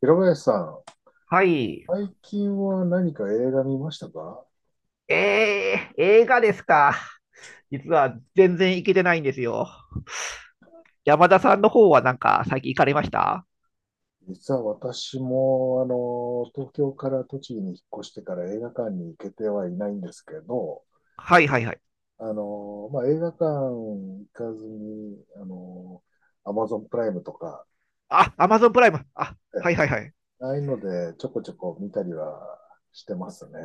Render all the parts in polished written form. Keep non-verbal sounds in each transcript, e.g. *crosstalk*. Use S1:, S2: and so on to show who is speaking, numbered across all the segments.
S1: 平林さん、
S2: はい。
S1: 最近は何か映画見ましたか？
S2: 映画ですか。実は全然行けてないんですよ。山田さんの方はなんか最近行かれました？
S1: 実は私も、東京から栃木に引っ越してから映画館に行けてはいないんですけど、
S2: はいはいはい。
S1: まあ、映画館行かずに、アマゾンプライムとか、
S2: あ、アマゾンプライム。あ、
S1: え
S2: はい
S1: え、
S2: はいはい。
S1: ああいうのでちょこちょこ見たりはしてますね。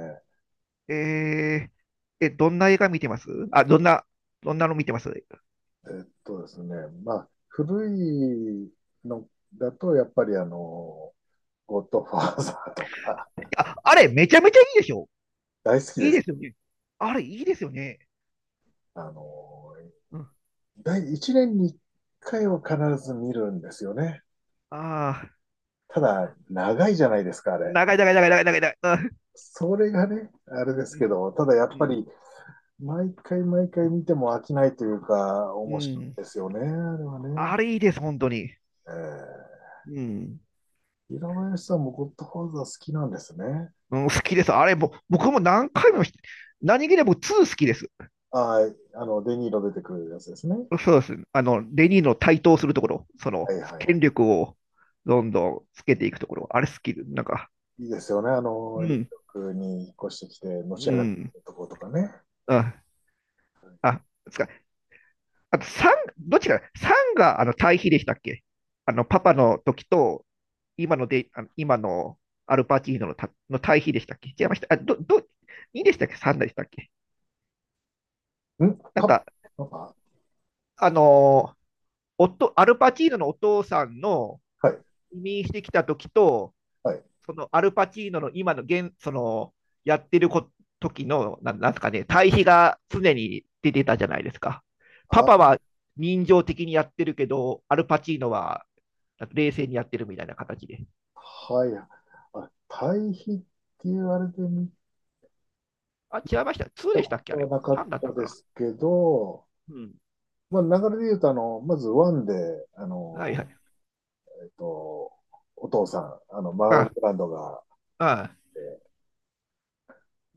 S2: えどんな映画見てます？あ、どんなの見てます？
S1: えっとですね、まあ、古いのだと、やっぱりゴッドファーザーとか、
S2: あ、あれ、めちゃめちゃいいでしょ？
S1: 大好き
S2: い
S1: で
S2: いで
S1: す。
S2: すよね。あれ、いいですよね。
S1: あの、
S2: うん。
S1: 第1年に1回は必ず見るんですよね。
S2: ああ、
S1: ただ、長いじゃないですか、あれ。
S2: 長い長い長い長い長い長い。
S1: それがね、あれです
S2: う
S1: け
S2: ん。
S1: ど、ただやっ
S2: う
S1: ぱ
S2: ん。
S1: り、毎回毎回見ても飽きないというか、
S2: う
S1: 面白
S2: ん。
S1: いですよね、あれはね。
S2: あれ、いいです、本当に。
S1: えー、
S2: うん。
S1: 平林さんもゴッドファーザー好きなんですね。
S2: うん、好きです。あれ、僕も何回も、何気にもツー好きです。
S1: ああ、デニーロ出てくるやつですね。
S2: そうです。あの、レニーの台頭するところ、そ
S1: は
S2: の、
S1: いはいは
S2: 権
S1: い。
S2: 力をどんどんつけていくところ、あれ好きで、なんか、
S1: いいですよね、
S2: う
S1: ニュー
S2: ん、
S1: ヨークに引っ越してきて、のし
S2: う
S1: 上がって
S2: ん、
S1: るところとかね。
S2: あ、あ、つか、あと3、どっちかな、さんがあの対比でしたっけ？あの、パパの時と、今ので、あの今のアルパチーノのたの対比でしたっけ？違いました。あ、2でしたっけ ?3 でしたっけ？
S1: ん
S2: なん
S1: パパ
S2: か、
S1: パパ。
S2: あのー、夫、アルパチーノのお父さんの、
S1: はい、
S2: 移民してきた時と、
S1: はい。
S2: そのアルパチーノの今の現、そのやってるこ時の、なんですかね、対比が常に出てたじゃないですか。パ
S1: あ、
S2: パは人情的にやってるけど、アルパチーノは冷静にやってるみたいな形で。
S1: はい。あ、対比って言われてみ
S2: あ、違いました。2
S1: た
S2: でした
S1: こ
S2: っけあれ？
S1: とはなかっ
S2: 3だった
S1: た
S2: か
S1: で
S2: ら。
S1: すけど、
S2: うん。
S1: まあ、流れで言うと、まずワンで、あ
S2: はい
S1: の、
S2: はい。
S1: えっと、お父さん、マーロン・
S2: あ、
S1: ブランドが、
S2: あ、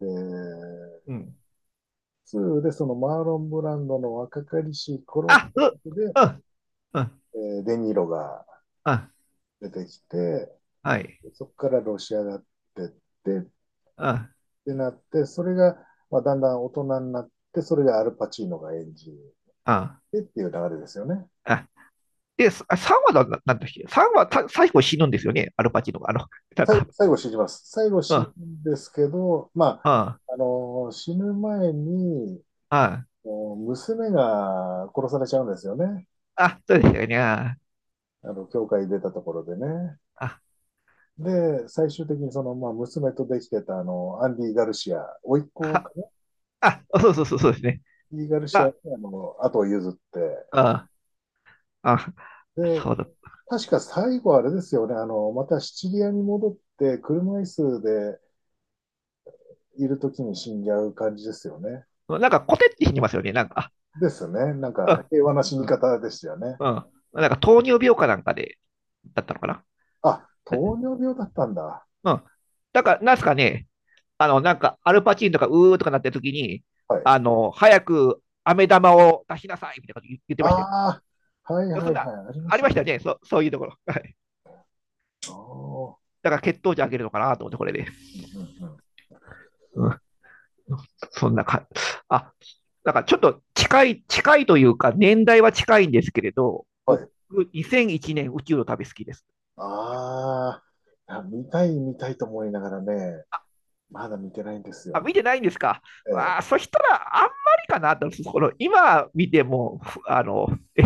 S1: で、
S2: うん。
S1: ツーでそのマーロン・ブランドの若かりしい頃
S2: あ、
S1: ってこ
S2: う、
S1: とで、
S2: うん、うん、
S1: デ・ニーロが
S2: あ、
S1: 出てきて、
S2: はい。
S1: そこからロシアがてって、っ
S2: あ、
S1: てなって、それが、まあ、だんだん大人になって、それがアルパチーノが演じる
S2: あ、
S1: でっていう流れですよね。
S2: あ。で、3話だ、なんっけ ?3 話最後死ぬんですよね、アルパチーノが。あの、なん
S1: 最
S2: か、
S1: 最後死にます。最後
S2: うん、う
S1: 死
S2: ん、
S1: ぬんですけど、ま
S2: あ、
S1: あ、死ぬ前に、娘が殺されちゃうんですよね。
S2: そうでしたよね。あ、
S1: 教会出たところでね。
S2: あ、
S1: で、最終的にその、まあ、娘とできてた、アンディ・ガルシア、甥っ子か
S2: か、
S1: な、ア
S2: あ、そうそうそう、そうですね。
S1: ンディ・ガルシア
S2: あ、
S1: に、後を譲って、
S2: あ、あ、
S1: で、
S2: そうだ。
S1: 確か最後あれですよね、またシチリアに戻って、車椅子でいるときに死んじゃう感じですよね。
S2: なんか、コテって死にますよね。なんか、
S1: ですね。なんか
S2: あ
S1: 平和な死に
S2: うん、
S1: 方でしたよね。
S2: うん、うん。なんか、糖尿病かなんかで、だったのかな。
S1: あ、糖尿病だったんだ。
S2: うん。だから、なんすかね、あの、なんか、アルパチーンとか、うーとかなってる時に、
S1: はい。
S2: あの、早く、飴玉を出しなさいみたいなこと言ってましたよ。
S1: ああ、はいは
S2: そ
S1: い
S2: ん
S1: は
S2: な、
S1: い、ありま
S2: あ
S1: し
S2: り
S1: た。
S2: ま
S1: あ
S2: したよね、そういうところ。はい。
S1: あ、
S2: だから血糖値上げるのかなと思って、これで。
S1: うんうんうん。
S2: うん。そんなか、あ、だからちょっと近い、近いというか、年代は近いんですけれど、
S1: は
S2: 僕、
S1: い。
S2: 2001年宇宙の旅好きです。
S1: ああ、いや、見たい見たいと思いながらね、まだ見てないんです
S2: あ、
S1: よね。
S2: 見てないんですか？
S1: え
S2: わ
S1: え。
S2: あ、そしたらあんまりかなと、この今見ても、あの、え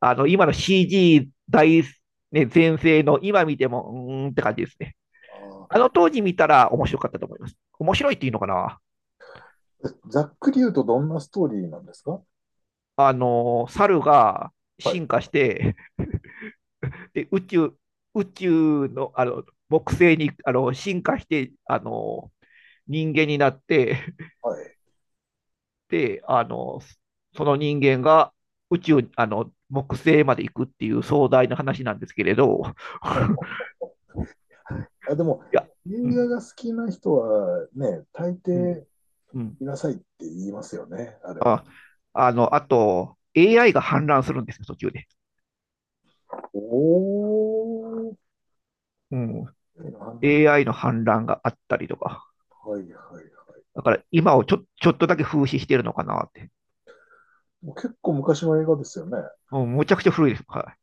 S2: あの今の CG 大、ね、全盛の今見ても、うーんって感じですね。
S1: あ
S2: あ
S1: あ、
S2: の当時見たら面白かったと思います。面白いっていうのかな？
S1: ざっくり言うとどんなストーリーなんですか？
S2: あの、猿が
S1: は
S2: 進
S1: い。
S2: 化して、で宇宙、宇宙の、あの、木星にあの進化して、あの、人間になって、*laughs*
S1: はい。
S2: で、あの、その人間が宇宙、あの、木星まで行くっていう壮大な話なんですけれど、
S1: ほう
S2: *laughs*
S1: ほう、あ、で
S2: い
S1: も、
S2: や、う
S1: 映
S2: ん、
S1: 画が好きな人はね、大
S2: うん、
S1: 抵
S2: うん。
S1: 見なさいって言いますよね、あれは。
S2: あ、あの、あと、AI が氾濫するんですよ、途中で。
S1: おー、
S2: うん。
S1: の判断。
S2: AI の氾濫があったりとか。
S1: はいはいはい。
S2: だから今をちょっとだけ風刺してるのかなって。
S1: もう結構昔の映画ですよね。
S2: もうむちゃくちゃ古いです。はい。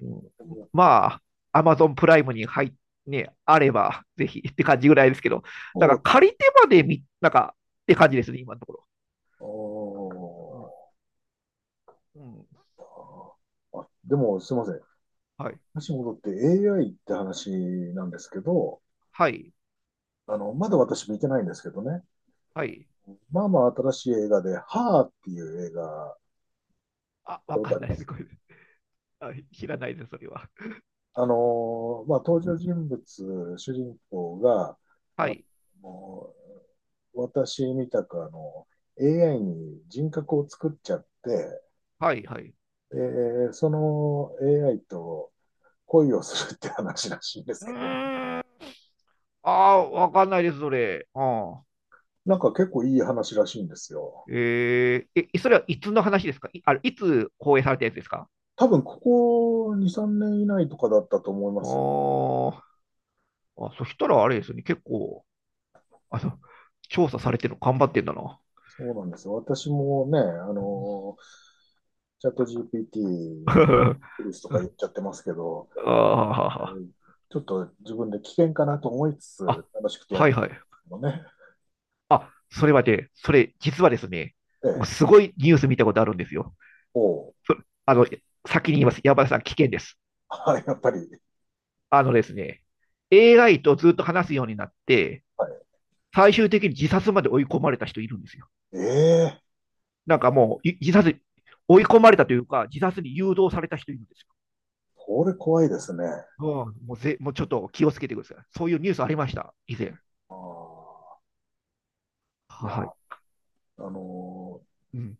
S2: うん、まあ、アマゾンプライムに入っね、あれば、ぜひって感じぐらいですけど、なん
S1: お
S2: か
S1: あ
S2: 借りてまでみ、なんかって感じですね、今のところ。うん。
S1: ー
S2: うん、
S1: あ、でもすいません。
S2: はい。
S1: 話に戻って AI って話なんですけど、
S2: はい。
S1: まだ私見てないんですけどね。
S2: はい。
S1: まあまあ新しい映画で、ハーっていう映画、
S2: あ、
S1: 見た
S2: わ
S1: こ
S2: か
S1: とあ
S2: ん
S1: り
S2: ない
S1: ま
S2: です、
S1: す？
S2: これ。はい、知らないです、それは。
S1: あのまあ、登場人物、主人公が、
S2: は
S1: あ
S2: い。
S1: のー私みたくAI に人格を作っちゃって、
S2: はい、はい。
S1: で、その AI と恋をするって話らしいんで
S2: う
S1: すけどね。
S2: ーん。ああ、わかんないです、それ。うん。
S1: なんか結構いい話らしいんですよ。
S2: それはいつの話ですかい、あれ、いつ放映されたやつですか？
S1: 多分ここ2、3年以内とかだったと思いま
S2: あ
S1: すよ。
S2: ーあ、そしたらあれですよね、結構、あの、調査されてるの頑張ってんだな。
S1: そうなんですよ。私もね、の、チャット GPT
S2: *laughs* あ
S1: に
S2: ー
S1: プリスとか言っちゃってますけど、えーちょっと自分で危険かなと思いつつ、
S2: あ、
S1: 楽しくてやっ
S2: はい
S1: てる
S2: はい。
S1: のね。
S2: あ、それはね、それ、実はですね、
S1: え
S2: 僕
S1: え、
S2: すごいニュース見たことあるんですよ。
S1: おう、
S2: そあの、先に言います。山田さん、危険です。
S1: *laughs* あ、やっぱり、
S2: あのですね、AI とずっと話すようになって、
S1: はい、
S2: 最終的に自殺まで追い込まれた人いるんですよ。
S1: ええー、
S2: なんかもう、い自殺、追い込まれたというか、自殺に誘導された人いるんですよ。
S1: これ怖いですね。
S2: うん、もうぜ、もうちょっと気をつけてください。そういうニュースありました、以前。
S1: ああ、いや、
S2: はい。
S1: の
S2: うん。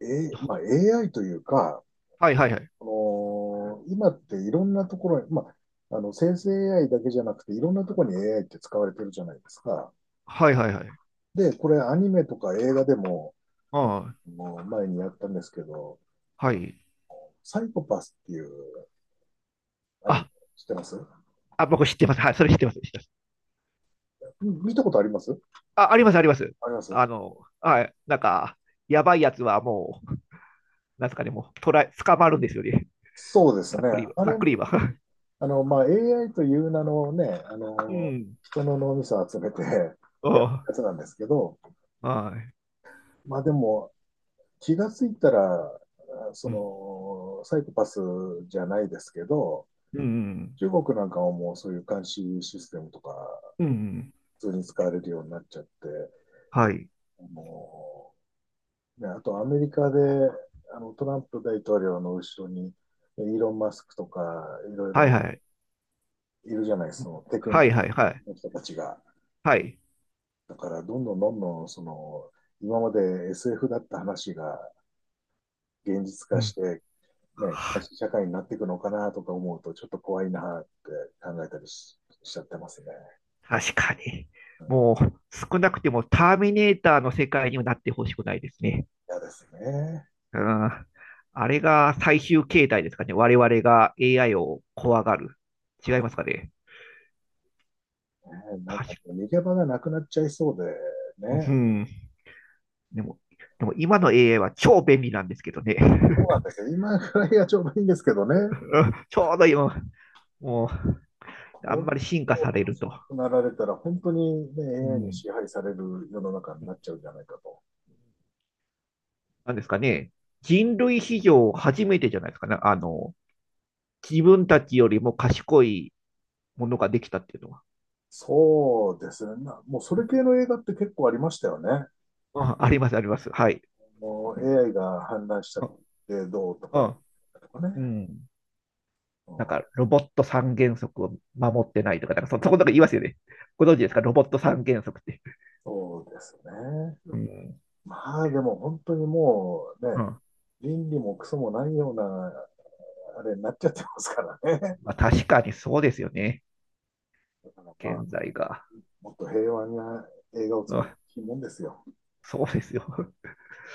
S1: まあ、AI というか、
S2: はいはいはい。
S1: この今っていろんなところに、まあ、生成 AI だけじゃなくて、いろんなところに AI って使われてるじゃないですか。
S2: はいはいはい。
S1: で、これアニメとか映画でも、
S2: あ
S1: もう前にやったんですけど、
S2: あ、はい。
S1: サイコパスっていうアニメ
S2: あ、
S1: 知ってます？
S2: あ、僕知ってます。はい、それ知ってます。知ってます。
S1: 見たことあります？
S2: あ、あります、あります。
S1: ありま
S2: あ
S1: す？
S2: の、はい、なんか、やばいやつはもう、なんすかね、もう、捕らえ、捕まるんですよね。
S1: そうです
S2: ざっ
S1: ね。
S2: くりは、
S1: あ
S2: ざっ
S1: れ
S2: く
S1: も、
S2: りは。
S1: まあ、AI という名のね、
S2: *laughs* うん。
S1: 人の脳みそを集めてやるや
S2: あ
S1: つなんですけど、
S2: あ、はい。
S1: まあでも、気がついたら、
S2: うん、
S1: そのサイコパスじゃないですけど、
S2: うん、
S1: 中国なんかはもうそういう監視システムとか、
S2: うん。
S1: 普通に使われるようになっちゃって、
S2: はい。
S1: もうね、あとアメリカであのトランプ大統領の後ろに、ねイーロン・マスクとか、いろい
S2: はい、
S1: ろ
S2: はい。
S1: いるじゃないですか、そのテクニッ
S2: はい、はい、はい。
S1: クの人たちが。
S2: はい。
S1: だから、どんどんどんどん、その、今まで SF だった話が現実
S2: う
S1: 化し
S2: ん。
S1: て、ね、正
S2: はあ
S1: しい社会になっていくのかなとか思うと、ちょっと怖いなって考えたりしちゃってますね。
S2: 確かに。もう、少なくてもターミネーターの世界にはなってほしくないですね。
S1: 嫌ですね。
S2: うん。あれが最終形態ですかね。我々が AI を怖がる。違
S1: は
S2: い
S1: い、
S2: ますかね。
S1: ね、なん
S2: 確
S1: か
S2: か、
S1: 逃げ場がなくなっちゃいそうで
S2: う
S1: ね。
S2: ん。でも、でも今の AI は超便利なんですけどね。
S1: そうなんですよ。今ぐらいがちょうどいいんですけどね。
S2: *laughs* ちょうど今、もう、あん
S1: 本
S2: まり進化
S1: 当に
S2: されると。
S1: 賢くなられたら、本当に、ね、
S2: う
S1: AI に
S2: ん。
S1: 支配される世の中になっちゃうんじゃないかと。
S2: なんですかね。人類史上初めてじゃないですかね。あの、自分たちよりも賢いものができたっていうのは。
S1: そうですね。もうそ
S2: う
S1: れ
S2: ん
S1: 系の映画って結構ありましたよね。
S2: ああります、あります。はい。
S1: もう AI が氾濫しちゃ
S2: あ、
S1: ってどうとかね。
S2: あ、
S1: とかね。
S2: うん。
S1: う
S2: なん
S1: ん、
S2: か、ロボット三原則を守ってないとか、なんかそこなんか言いますよね。ご存知ですか？ロボット三原則って。
S1: そうですね。
S2: うん
S1: まあでも本当にもう
S2: う
S1: ね、
S2: ん。
S1: 倫理もクソもないようなあれになっちゃってますからね。
S2: まあ、確かにそうですよね。
S1: だからまあ、
S2: 現在が。
S1: もっと平和な映画を
S2: う
S1: 作
S2: ん。
S1: るもんですよ。
S2: そうですよ。